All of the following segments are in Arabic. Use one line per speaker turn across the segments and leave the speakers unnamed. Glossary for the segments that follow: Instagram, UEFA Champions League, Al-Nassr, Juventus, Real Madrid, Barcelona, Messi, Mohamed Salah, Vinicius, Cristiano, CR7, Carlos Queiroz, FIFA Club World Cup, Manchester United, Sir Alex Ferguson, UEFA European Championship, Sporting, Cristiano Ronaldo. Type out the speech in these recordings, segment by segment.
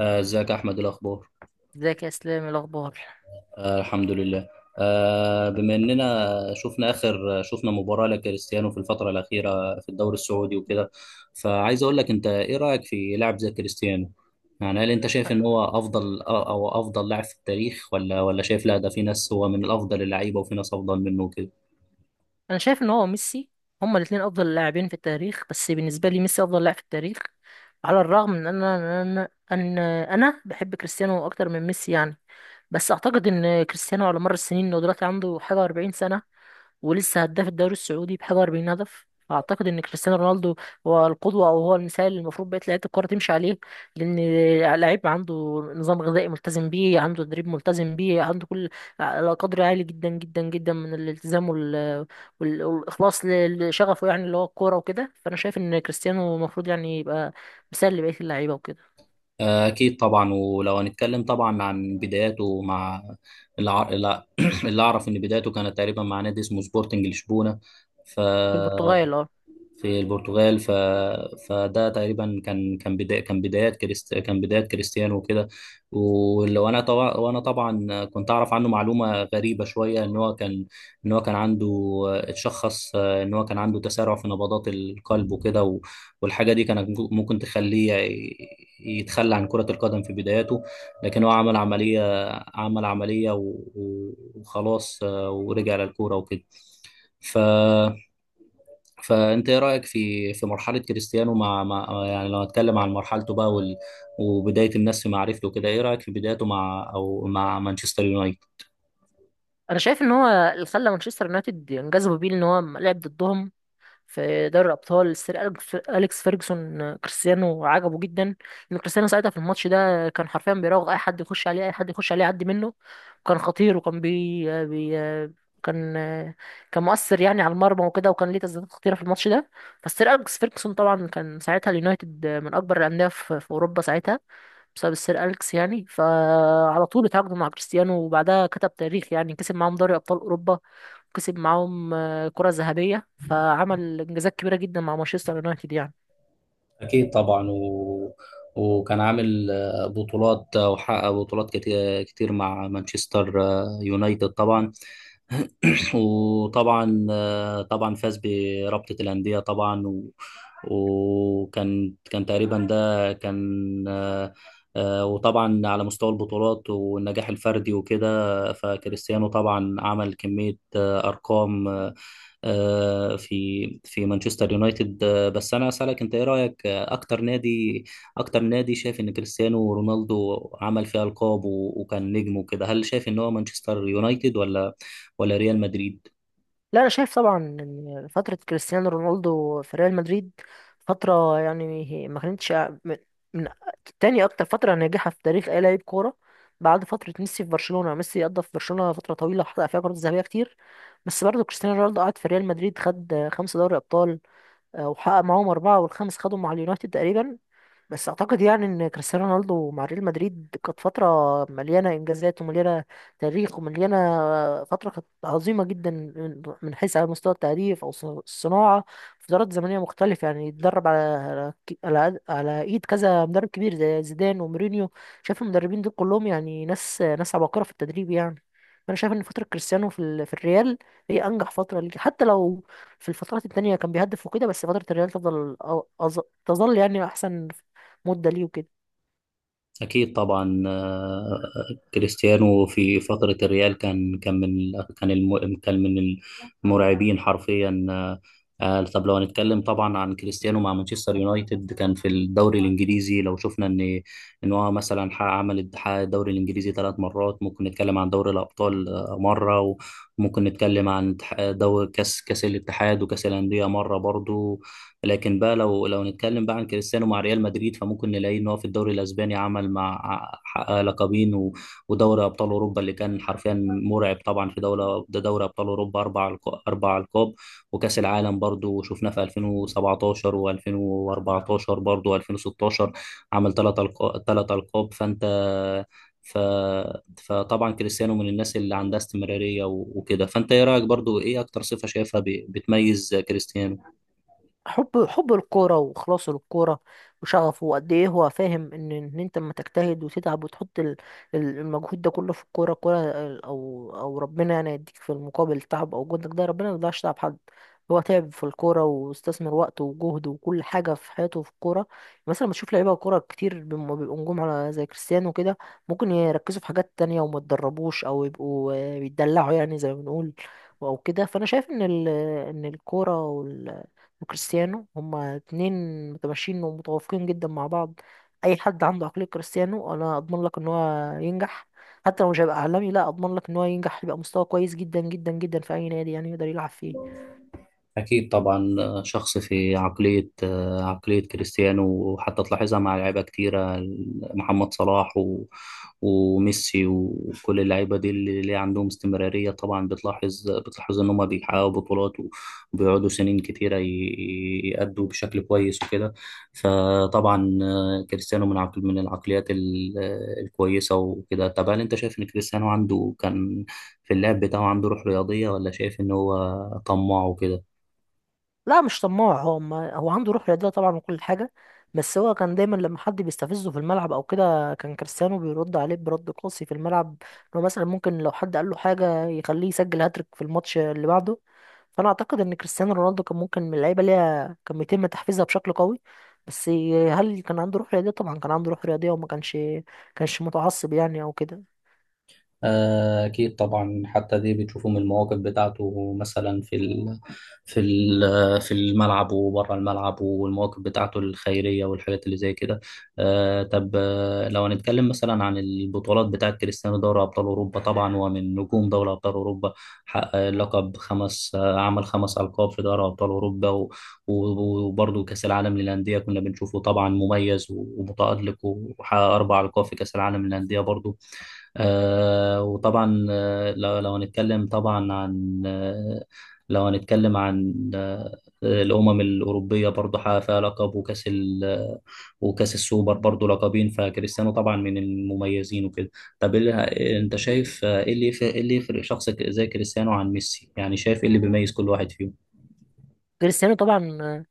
ازيك يا احمد، إيه الاخبار؟
ازيك يا اسلام، إيه الاخبار؟
الحمد لله. بما اننا شفنا اخر مباراه لكريستيانو في الفتره الاخيره في الدوري السعودي وكده، فعايز اقول لك، انت ايه رايك في لاعب زي كريستيانو؟ يعني هل انت شايف ان هو افضل او افضل لاعب في التاريخ، ولا شايف لا، ده في ناس هو من الافضل اللعيبه وفي ناس افضل منه وكده؟
انا شايف ان هو ميسي. هما الاثنين افضل لاعبين في التاريخ، بس بالنسبه لي ميسي افضل لاعب في التاريخ. على الرغم من ان انا بحب كريستيانو اكتر من ميسي يعني. بس اعتقد ان كريستيانو على مر السنين، انه دلوقتي عنده حاجه و40 سنه، ولسه هداف الدوري السعودي بحاجة 40 هدف. فأعتقد إن كريستيانو رونالدو هو القدوة أو هو المثال اللي المفروض بقية لعيبة الكرة تمشي عليه. لأن لعيب عنده نظام غذائي ملتزم بيه، عنده تدريب ملتزم بيه، عنده كل قدر عالي جدا جدا جدا من الالتزام والإخلاص لشغفه يعني اللي هو الكورة وكده. فأنا شايف إن كريستيانو المفروض يعني يبقى مثال لبقية اللعيبة وكده.
اكيد طبعا. ولو هنتكلم طبعا عن بداياته مع الع... لا، اللي اعرف ان بدايته كانت تقريبا مع نادي اسمه سبورتنج لشبونه، ف
في البرتغال اه.
في البرتغال. فده تقريبا كان كان بدا... كان بدايات كريست... كان بدايات كريستيانو وكده. ولو انا طبعا، وانا طبعا كنت اعرف عنه معلومه غريبه شويه، ان هو كان ان هو كان عنده، اتشخص ان هو كان عنده تسارع في نبضات القلب وكده، والحاجه دي كانت ممكن تخليه يتخلى عن كره القدم في بداياته. لكن هو عمل عمليه، عمل عمليه و... وخلاص، ورجع للكوره وكده. ف فانت ايه رايك في مرحله كريستيانو مع، مع، يعني لو هتكلم عن مرحلته بقى وبدايه الناس في معرفته كده، ايه رايك في بدايته مع، او مع مانشستر يونايتد؟
أنا شايف إن هو اللي خلى مانشستر يونايتد ينجذبوا بيه إن هو لعب ضدهم في دوري الابطال. السير أليكس فيرجسون، كريستيانو عجبه جدا. ان كريستيانو ساعتها في الماتش ده كان حرفيا بيراوغ اي حد يخش عليه، اي حد يخش عليه يعدي منه. كان خطير، وكان بي, آه، بي آه، كان آه، كان مؤثر يعني على المرمى وكده، وكان ليه تسديدات خطيره في الماتش ده. فالسير اليكس فيرجسون طبعا كان ساعتها اليونايتد من اكبر الانديه في اوروبا ساعتها بسبب السير أليكس يعني. فعلى طول اتعاقدوا مع كريستيانو، وبعدها كتب تاريخ يعني. كسب معاهم دوري أبطال أوروبا، وكسب معاهم كرة ذهبية. فعمل إنجازات كبيرة جدا مع مانشستر يونايتد يعني.
اكيد طبعا. وكان عامل بطولات، وحقق بطولات كتير كتير مع مانشستر يونايتد طبعا. وطبعا طبعا فاز برابطة الأندية طبعا، وكان كان تقريبا ده كان آه، آه، وطبعا على مستوى البطولات والنجاح الفردي وكده، فكريستيانو طبعا عمل كمية أرقام في مانشستر يونايتد. بس أنا أسألك، أنت إيه رأيك أكتر نادي، أكتر نادي شايف إن كريستيانو رونالدو عمل فيه ألقاب وكان نجم وكده؟ هل شايف إن هو مانشستر يونايتد ولا ريال مدريد؟
لا، أنا شايف طبعا إن فترة كريستيانو رونالدو في ريال مدريد فترة يعني ما كانتش من من تاني أكتر فترة ناجحة في تاريخ أي لاعب كورة بعد فترة ميسي في برشلونة. ميسي قضى في برشلونة فترة طويلة، وحقق فيها كرات ذهبية كتير. بس برضه كريستيانو رونالدو قعد في ريال مدريد، خد خمسة دوري أبطال. وحقق معاهم أربعة، والخامس خدهم مع اليونايتد تقريبا. بس اعتقد يعني ان كريستيانو رونالدو مع ريال مدريد كانت فتره مليانه انجازات، ومليانه تاريخ، ومليانه... فتره كانت عظيمه جدا، من حيث على مستوى التهديف او الصناعه في فترات زمنيه مختلفه يعني. اتدرب على على ك- على على ايد كذا مدرب كبير زي زيدان ومورينيو. شايف المدربين دول كلهم يعني ناس عباقره في التدريب يعني. فانا شايف ان فتره كريستيانو في الريال هي انجح فتره ليه. حتى لو في الفترات التانية كان بيهدف وكده، بس فترة الريال تفضل تظل يعني أحسن مده ليه وكده.
أكيد طبعا. كريستيانو في فترة الريال كان كان من المرعبين حرفيا. طب لو هنتكلم طبعا عن كريستيانو مع مانشستر يونايتد، كان في الدوري الإنجليزي، لو شفنا إن هو مثلا حقق- عمل حقق الدوري الإنجليزي ثلاث مرات. ممكن نتكلم عن دوري الأبطال مرة، وممكن نتكلم عن دوري كأس، كأس الاتحاد، وكأس الأندية مرة برضو. لكن بقى لو نتكلم بقى عن كريستيانو مع ريال مدريد، فممكن نلاقي ان هو في الدوري الاسباني عمل مع حقق لقبين، ودوري ابطال اوروبا اللي كان حرفيا مرعب طبعا، في دوله ده دوري ابطال اوروبا اربع القاب. وكاس العالم برضو شفناه في 2017 و2014 برضو و2016، عمل ثلاث القاب، ثلاث القاب فانت، ف... فطبعا كريستيانو من الناس اللي عندها استمرارية وكده. فانت ايه رأيك برضو، ايه اكتر صفة شايفها بتميز كريستيانو؟
حب الكوره وخلاصه للكوره، وشغفه، وقد ايه هو فاهم ان انت لما تجتهد وتتعب وتحط المجهود ده كله في الكوره، الكوره او ربنا يعني يديك في المقابل تعب، او جهدك ده ربنا ما يضيعش تعب حد. هو تعب في الكوره، واستثمر وقته وجهده وكل حاجه في حياته في الكوره. مثلا بتشوف لعيبه كوره كتير بيبقوا نجوم على زي كريستيانو كده، ممكن يركزوا في حاجات تانية وما يتدربوش، او يبقوا بيتدلعوا يعني زي ما بنقول او كده. فانا شايف ان ان الكوره وكريستيانو هما اتنين متماشيين ومتوافقين جدا مع بعض. اي حد عنده عقلية كريستيانو، انا اضمن لك ان هو ينجح. حتى لو مش هيبقى عالمي، لا اضمن لك ان هو ينجح، يبقى مستوى كويس جدا جدا جدا في اي نادي يعني يقدر يلعب فيه.
أكيد طبعا. شخص في عقلية، كريستيانو، وحتى تلاحظها مع لعيبة كتيرة: محمد صلاح وميسي، وكل اللعيبة دي اللي عندهم استمرارية، طبعا بتلاحظ، إن هما بيحققوا بطولات وبيقعدوا سنين كتيرة يأدوا بشكل كويس وكده. فطبعا كريستيانو من عقل، العقليات الكويسة وكده. طب هل أنت شايف إن كريستيانو عنده كان في اللعب بتاعه عنده روح رياضية، ولا شايف إن هو طماع وكده؟
لا، مش طماع. هو ما هو عنده روح رياضية طبعا وكل حاجة. بس هو كان دايما لما حد بيستفزه في الملعب او كده، كان كريستيانو بيرد عليه برد قاسي في الملعب. انه مثلا ممكن لو حد قال له حاجة، يخليه يسجل هاتريك في الماتش اللي بعده. فانا اعتقد ان كريستيانو رونالدو كان ممكن من اللعيبة ليها كان بيتم تحفيزها بشكل قوي. بس هل كان عنده روح رياضية؟ طبعا كان عنده روح رياضية، وما كانش متعصب يعني او كده.
أكيد طبعا، حتى دي بتشوفوا من المواقف بتاعته مثلا في ال في ال في الملعب وبره الملعب، والمواقف بتاعته الخيرية والحاجات اللي زي كده. طب لو هنتكلم مثلا عن البطولات بتاعة كريستيانو، دوري أبطال أوروبا طبعا هو من نجوم دوري أبطال أوروبا، حقق لقب خمس، عمل خمس ألقاب في دوري أبطال أوروبا، وبرضه كأس العالم للأندية، كنا بنشوفه طبعا مميز ومتألق، وحقق أربع ألقاب في كأس العالم للأندية برضه. وطبعا، لو هنتكلم طبعا عن آه، لو هنتكلم عن الأمم الأوروبية برضه، حقق فيها لقب، وكأس ال، وكأس السوبر برضه لقبين. فكريستيانو طبعا من المميزين وكده. طب إيه أنت شايف إيه إيه اللي يفرق شخص زي كريستيانو عن ميسي؟ يعني شايف إيه اللي بيميز كل واحد فيهم؟
كريستيانو طبعا،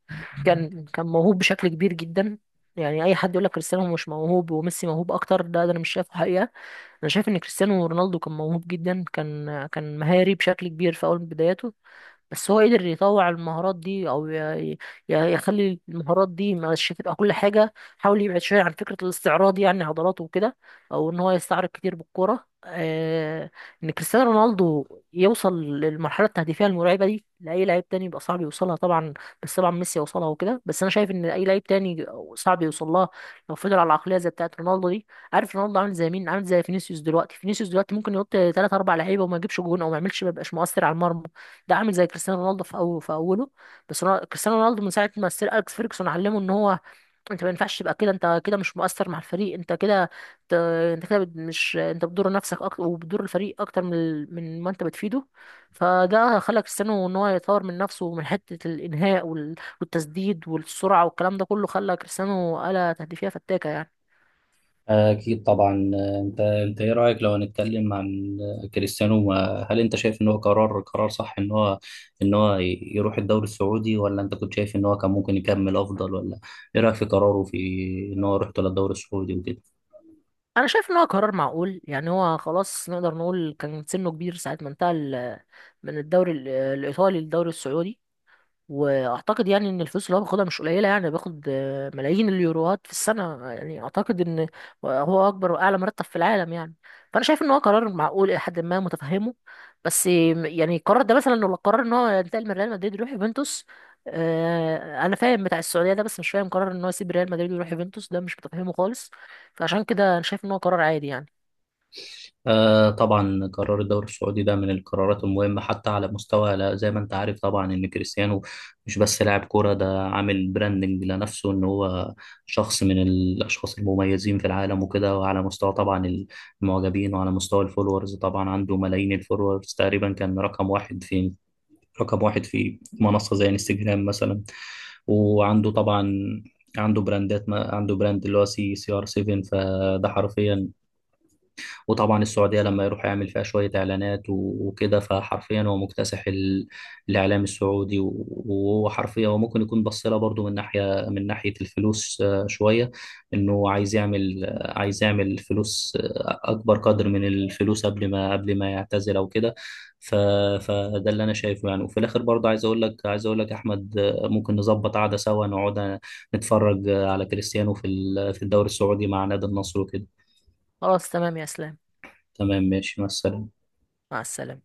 كان كان موهوب بشكل كبير جدا يعني. اي حد يقول لك كريستيانو مش موهوب وميسي موهوب اكتر، ده انا مش شايفه حقيقه. انا شايف ان كريستيانو رونالدو كان موهوب جدا، كان كان مهاري بشكل كبير في اول بداياته. بس هو قدر يطوع المهارات دي، او يخلي المهارات دي مش تبقى كل حاجه. حاول يبعد شويه عن فكره الاستعراض يعني، عضلاته وكده، او ان هو يستعرض كتير بالكوره. ان كريستيانو رونالدو يوصل للمرحله التهديفيه المرعبه دي، لاي لعيب تاني يبقى صعب يوصلها طبعا. بس طبعا ميسي يوصلها وكده. بس انا شايف ان اي لعيب تاني صعب يوصلها لو فضل على العقليه زي بتاعه رونالدو دي. عارف رونالدو عامل زي مين؟ عامل زي فينيسيوس دلوقتي. فينيسيوس دلوقتي ممكن يحط 3 4 لعيبه وما يجيبش جون، او ما يعملش، ما يبقاش مؤثر على المرمى. ده عامل زي كريستيانو رونالدو في أول في أوله. بس كريستيانو رونالدو من ساعة ما السير أليكس فيرجسون علمه إن هو أنت ما ينفعش تبقى كده. أنت كده مش مؤثر مع الفريق. أنت كده ت- مش أنت بتضر نفسك أكتر، وبتضر الفريق أكتر من من ما أنت بتفيده. فده خلى كريستيانو إن هو يطور من نفسه من حتة الإنهاء والتسديد والسرعة والكلام ده كله. خلى كريستيانو آلة تهديفية فتاكة يعني.
أكيد طبعا. أنت إيه رأيك، لو هنتكلم عن كريستيانو، هل أنت شايف إن هو قرار، صح إن هو، إن هو يروح الدوري السعودي، ولا أنت كنت شايف إن هو كان ممكن يكمل أفضل؟ ولا إيه رأيك في قراره في إن هو يروح للدوري السعودي وكده؟
انا شايف ان هو قرار معقول يعني. هو خلاص نقدر نقول كان سنه كبير ساعة ما انتقل من الدوري الايطالي للدوري السعودي. واعتقد يعني ان الفلوس اللي هو بياخدها مش قليله يعني. بياخد ملايين اليوروات في السنه يعني. اعتقد ان هو اكبر واعلى مرتب في العالم يعني. فانا شايف ان هو قرار معقول الى حد ما متفهمه. بس يعني القرار ده مثلا لو قرر ان هو ينتقل من ريال مدريد يروح يوفنتوس، انا فاهم بتاع السعوديه ده، بس مش فاهم قرار ان هو يسيب ريال مدريد ويروح يوفنتوس. ده مش متفهمه خالص. فعشان كده انا شايف ان هو قرار عادي يعني.
آه طبعا، قرار الدوري السعودي ده من القرارات المهمة حتى على مستوى زي ما انت عارف طبعا ان كريستيانو مش بس لاعب كورة، ده عامل براندنج لنفسه، ان هو شخص من الاشخاص المميزين في العالم وكده. وعلى مستوى طبعا المعجبين، وعلى مستوى الفولورز، طبعا عنده ملايين الفولورز، تقريبا كان رقم واحد في، منصة زي انستجرام مثلا. وعنده طبعا، عنده براندات، ما عنده براند اللي هو سي ار 7، فده حرفيا. وطبعا السعودية لما يروح يعمل فيها شوية إعلانات وكده، فحرفيا هو مكتسح الإعلام السعودي، وهو حرفيا هو ممكن يكون بص لها برضه من ناحية، الفلوس شوية، إنه عايز يعمل، عايز يعمل فلوس، أكبر قدر من الفلوس قبل ما، يعتزل أو كده. ف... فده اللي أنا شايفه يعني. وفي الآخر برضه عايز أقول لك، أحمد، ممكن نظبط قعدة سوا، نقعد نتفرج على كريستيانو في في الدوري السعودي مع نادي النصر وكده.
خلاص، تمام يا اسلام.
تمام، ماشي، مع السلامة.
مع السلامه.